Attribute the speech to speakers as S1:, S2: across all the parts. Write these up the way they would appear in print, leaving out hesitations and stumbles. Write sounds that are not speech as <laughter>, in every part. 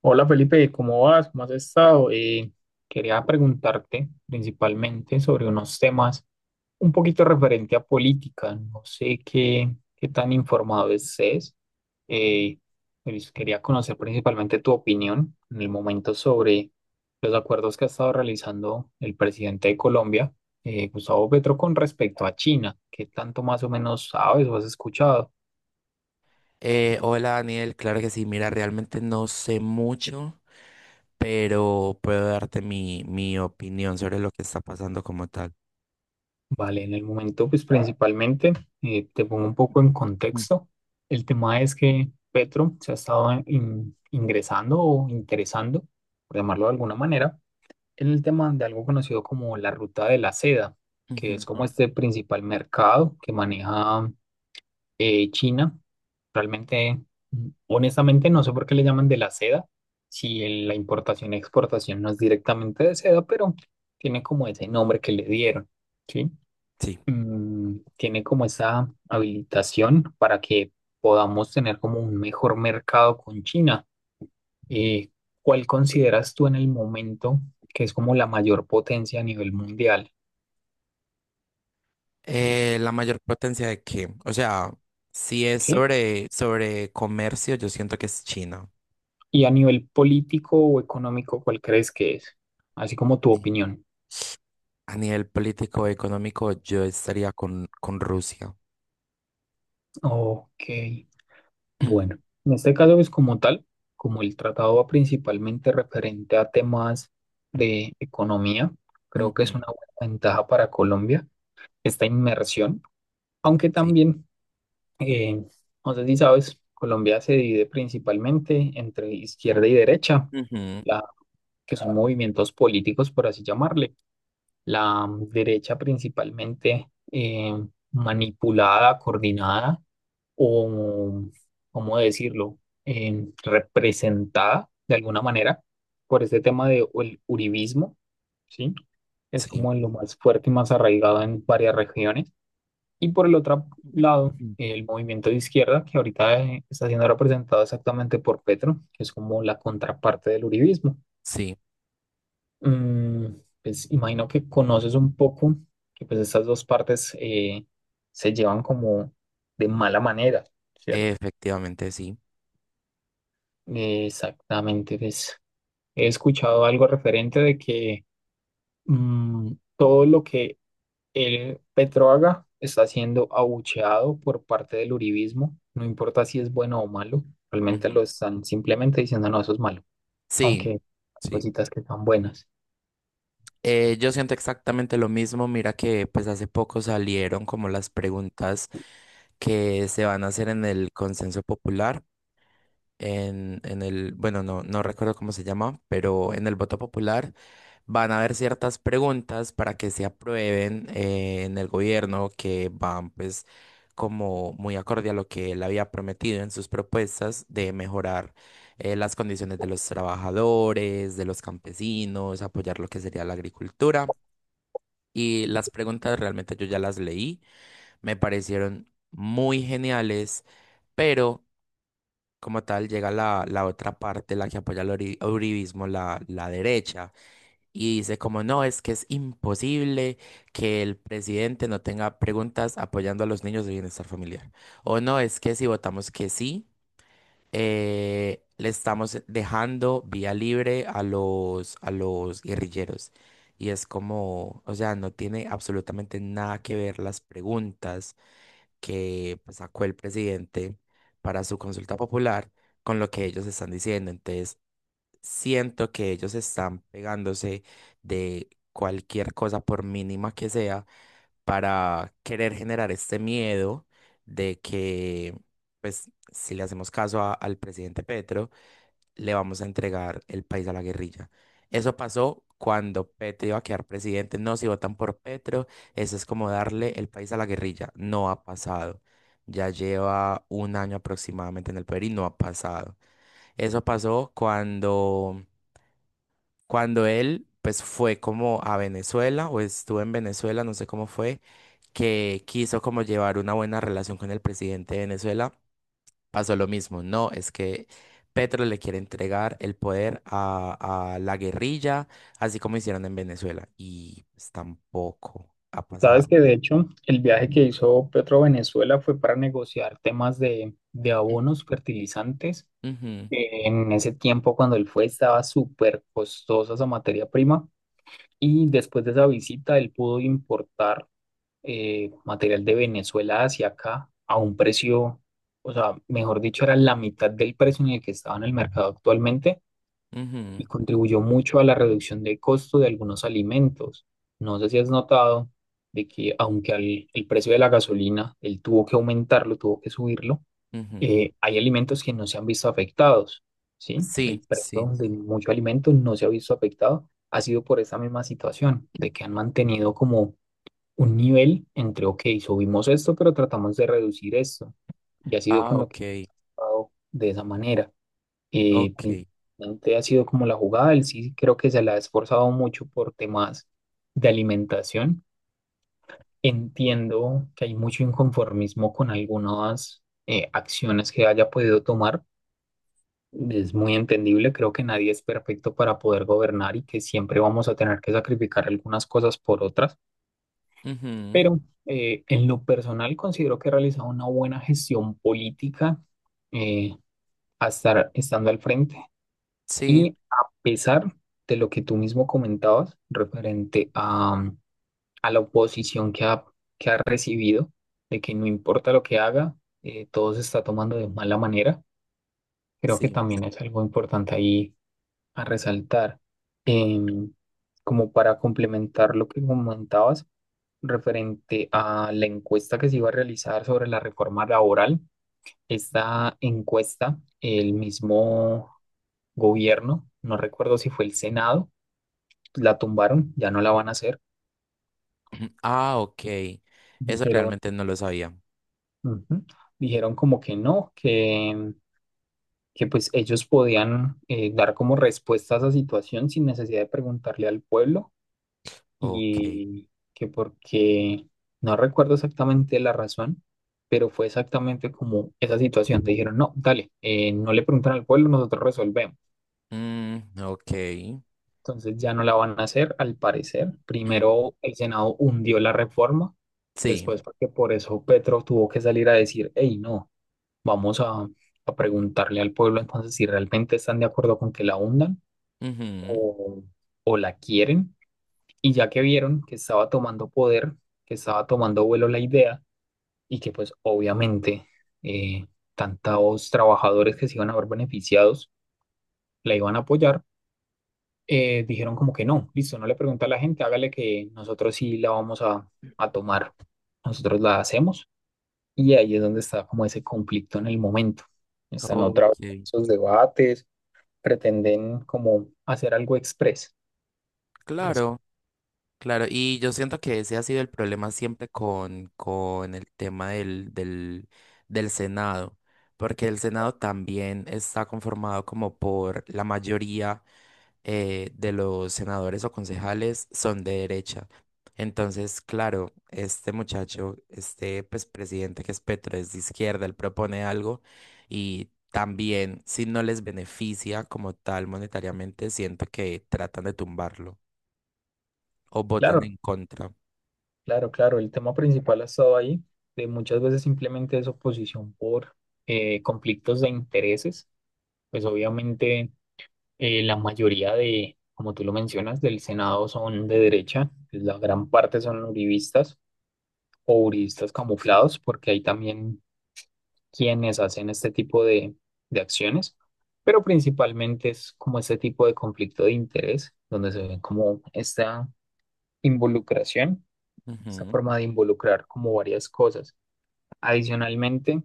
S1: Hola Felipe, ¿cómo vas? ¿Cómo has estado? Quería preguntarte principalmente sobre unos temas un poquito referente a política. No sé qué tan informado estés. Eh, Quería conocer principalmente tu opinión en el momento sobre los acuerdos que ha estado realizando el presidente de Colombia, Gustavo Petro, con respecto a China. ¿Qué tanto más o menos sabes o has escuchado?
S2: Hola Daniel, claro que sí, mira, realmente no sé mucho, pero puedo darte mi opinión sobre lo que está pasando como tal.
S1: Vale, en el momento, pues principalmente, te pongo un poco en
S2: Mm.
S1: contexto. El tema es que Petro se ha estado ingresando o interesando, por llamarlo de alguna manera, en el tema de algo conocido como la ruta de la seda,
S2: Ujú,
S1: que es como
S2: ujú.
S1: este principal mercado que maneja China. Realmente, honestamente, no sé por qué le llaman de la seda, si la importación y exportación no es directamente de seda, pero tiene como ese nombre que le dieron, ¿sí?
S2: Sí.
S1: Tiene como esa habilitación para que podamos tener como un mejor mercado con China. Eh, ¿Cuál consideras tú en el momento que es como la mayor potencia a nivel mundial?
S2: ¿La mayor potencia de qué? O sea, si es
S1: ¿Eh?
S2: sobre comercio, yo siento que es China.
S1: Y a nivel político o económico, ¿cuál crees que es? Así como tu
S2: Ni-
S1: opinión.
S2: A nivel político económico, yo estaría con Rusia.
S1: Ok, bueno.
S2: <clears throat>
S1: En este caso es como tal, como el tratado va principalmente referente a temas de economía, creo que es
S2: Ujú.
S1: una buena ventaja para Colombia esta inmersión, aunque
S2: Sí.
S1: también, eh, no sé si sabes, Colombia se divide principalmente entre izquierda y derecha,
S2: Ujú.
S1: la, que son movimientos políticos, por así llamarle. La derecha principalmente manipulada, coordinada o, ¿cómo decirlo?, representada de alguna manera por este tema de o el uribismo, ¿sí? Es
S2: Sí.
S1: como lo más fuerte y más arraigado en varias regiones, y por el otro
S2: Ujú.
S1: lado, el movimiento de izquierda, que ahorita está siendo representado exactamente por Petro, que es como la contraparte del uribismo.
S2: Sí,
S1: Mm, pues imagino que conoces un poco que pues estas dos partes se llevan como de mala manera, ¿cierto?
S2: efectivamente, sí.
S1: Exactamente, pues he escuchado algo referente de que mm, todo lo que el Petroaga está siendo abucheado por parte del uribismo, no importa si es bueno o malo, realmente
S2: Ujú.
S1: lo están simplemente diciendo no, eso es malo,
S2: Sí,
S1: aunque hay
S2: sí.
S1: cositas que son buenas.
S2: Yo siento exactamente lo mismo. Mira que pues hace poco salieron como las preguntas que se van a hacer en el consenso popular, en el, bueno, no recuerdo cómo se llama, pero en el voto popular van a haber ciertas preguntas para que se aprueben en el gobierno, que van pues como muy acorde a lo que él había prometido en sus propuestas de mejorar las condiciones de los trabajadores, de los campesinos, apoyar lo que sería la agricultura. Y las preguntas realmente yo ya las leí, me parecieron muy geniales, pero como tal llega la otra parte, la que apoya el uribismo, la derecha, y dice como no, es que es imposible que el presidente no tenga preguntas apoyando a los niños de bienestar familiar. O no, es que si votamos que sí le estamos dejando vía libre a los guerrilleros. Y es como, o sea, no tiene absolutamente nada que ver las preguntas que pues, sacó el presidente para su consulta popular con lo que ellos están diciendo. Entonces, siento que ellos están pegándose de cualquier cosa, por mínima que sea, para querer generar este miedo de que, pues, si le hacemos caso al presidente Petro, le vamos a entregar el país a la guerrilla. Eso pasó cuando Petro iba a quedar presidente. No, si votan por Petro, eso es como darle el país a la guerrilla. No ha pasado. Ya lleva un año aproximadamente en el poder y no ha pasado. Eso pasó cuando, cuando él, pues, fue como a Venezuela o estuvo en Venezuela, no sé cómo fue que quiso como llevar una buena relación con el presidente de Venezuela, pasó lo mismo. No, es que Petro le quiere entregar el poder a la guerrilla, así como hicieron en Venezuela. Y pues tampoco ha
S1: Sabes
S2: pasado.
S1: que de hecho el viaje que hizo Petro a Venezuela fue para negociar temas de abonos fertilizantes.
S2: Ujú,
S1: En ese tiempo cuando él fue estaba súper costosa esa materia prima y después de esa visita él pudo importar material de Venezuela hacia acá a un precio, o sea, mejor dicho, era la mitad del precio en el que estaba en el mercado actualmente
S2: ujú,
S1: y contribuyó mucho a la reducción de costo de algunos alimentos. No sé si has notado de que aunque el precio de la gasolina, él tuvo que aumentarlo, tuvo que subirlo,
S2: ujú.
S1: hay alimentos que no se han visto afectados, ¿sí? El
S2: Sí,
S1: precio
S2: sí.
S1: de muchos alimentos no se ha visto afectado. Ha sido por esa misma situación, de que han mantenido como un nivel entre, ok, subimos esto, pero tratamos de reducir esto. Y ha sido
S2: Ah,
S1: con lo que he
S2: ok,
S1: jugado de esa manera.
S2: ok.
S1: Principalmente ha sido como la jugada, él sí creo que se la ha esforzado mucho por temas de alimentación. Entiendo que hay mucho inconformismo con algunas acciones que haya podido tomar. Es muy entendible, creo que nadie es perfecto para poder gobernar y que siempre vamos a tener que sacrificar algunas cosas por otras.
S2: Ujú.
S1: Pero en lo personal considero que he realizado una buena gestión política, eh, estando al frente
S2: Sí,
S1: y a pesar de lo que tú mismo comentabas referente a, a la oposición que ha recibido, de que no importa lo que haga, todo se está tomando de mala manera, creo que
S2: sí.
S1: también es algo importante ahí a resaltar.
S2: <clears throat>
S1: Em, Como para complementar lo que comentabas, referente a la encuesta que se iba a realizar sobre la reforma laboral. Esta encuesta, el mismo gobierno, no recuerdo si fue el Senado, la tumbaron, ya no la
S2: Sí.
S1: van a hacer.
S2: <clears throat> Ah, ok. Eso
S1: Dijeron,
S2: realmente no lo sabía.
S1: ujú, dijeron como que no, que pues ellos podían dar como respuesta a esa situación sin necesidad de preguntarle al pueblo
S2: Ok.
S1: y que porque no recuerdo exactamente la razón, pero fue exactamente como esa situación. Te dijeron, no, dale, no le preguntan al pueblo, nosotros resolvemos.
S2: Mm, ok.
S1: Entonces ya no la van a hacer, al parecer.
S2: <clears throat>
S1: Primero el Senado hundió la reforma,
S2: Sí.
S1: después porque por eso Petro tuvo que salir a decir, hey, no, vamos a, a preguntarle al pueblo entonces si realmente están de acuerdo con que la hundan
S2: Ujú.
S1: o, o la quieren. Y ya que vieron que estaba tomando poder, que estaba tomando vuelo la idea y que pues obviamente eh, tantos trabajadores que se iban a ver beneficiados la iban a apoyar, dijeron como que no, listo, no le pregunta a la gente, hágale que nosotros sí la vamos a tomar, nosotros la hacemos. Y ahí es donde está como ese conflicto en el momento. Están otra vez
S2: Ok,
S1: esos debates, pretenden como hacer algo express.
S2: claro. Claro, y yo siento que ese ha sido el problema siempre con el tema del Senado, porque el Senado también está conformado como por la mayoría, de los senadores o concejales son de derecha. Entonces, claro, este muchacho, este pues, presidente que es Petro es de izquierda, él propone algo y también si no les beneficia como tal monetariamente, siento que tratan de tumbarlo o votan
S1: Claro,
S2: en contra.
S1: claro, el tema principal ha estado ahí, de muchas veces simplemente es oposición por conflictos de intereses, pues obviamente la mayoría de, como tú lo mencionas, del Senado son de derecha, pues, la gran parte son uribistas o uribistas camuflados, porque hay también quienes hacen este tipo de acciones, pero principalmente es como este tipo de conflicto de interés, donde se ve como esta involucración, esta
S2: Ujú,
S1: forma de involucrar como varias cosas. Adicionalmente,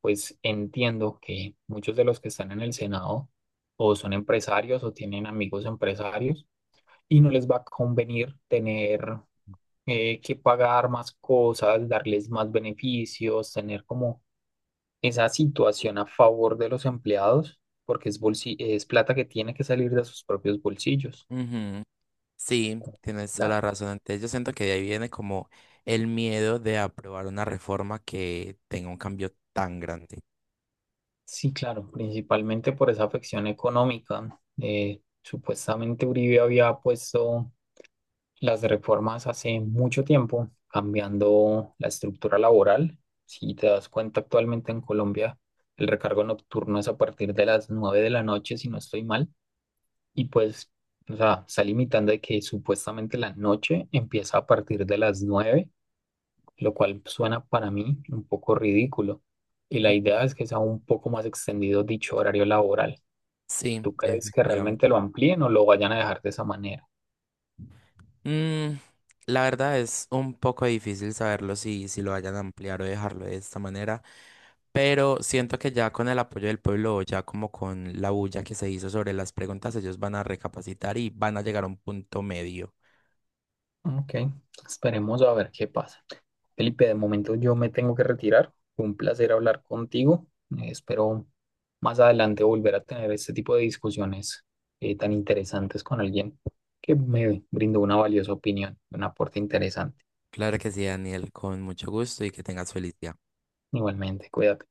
S1: pues entiendo que muchos de los que están en el Senado o son empresarios o tienen amigos empresarios y no les va a convenir tener que pagar más cosas, darles más beneficios, tener como esa situación a favor de los empleados, porque es, es plata que tiene que salir de sus propios bolsillos.
S2: ujú. Sí, tienes toda la
S1: Claro.
S2: razón. Entonces yo siento que de ahí viene como el miedo de aprobar una reforma que tenga un cambio tan grande.
S1: Sí, claro, principalmente por esa afección económica. Supuestamente Uribe había puesto las reformas hace mucho tiempo, cambiando la estructura laboral. Si te das cuenta, actualmente en Colombia el recargo nocturno es a partir de las 9 de la noche, si no estoy mal, y pues, o sea, está limitando de que supuestamente la noche empieza a partir de las 9, lo cual suena para mí un poco ridículo. Y la
S2: Ujú.
S1: idea es que sea un poco más extendido dicho horario laboral.
S2: Sí,
S1: ¿Tú crees que
S2: efectivamente.
S1: realmente lo amplíen o lo vayan a dejar de esa manera?
S2: Mm, la verdad es un poco difícil saberlo, si, si lo vayan a ampliar o dejarlo de esta manera, pero siento que ya con el apoyo del pueblo, ya como con la bulla que se hizo sobre las preguntas, ellos van a recapacitar y van a llegar a un punto medio.
S1: Ok, esperemos a ver qué pasa. Felipe, de momento yo me tengo que retirar. Fue un placer hablar contigo. Espero más adelante volver a tener este tipo de discusiones tan interesantes con alguien que me brindó una valiosa opinión, un aporte interesante.
S2: Claro que sí, Daniel, con mucho gusto y que tengas felicidad.
S1: Igualmente, cuídate.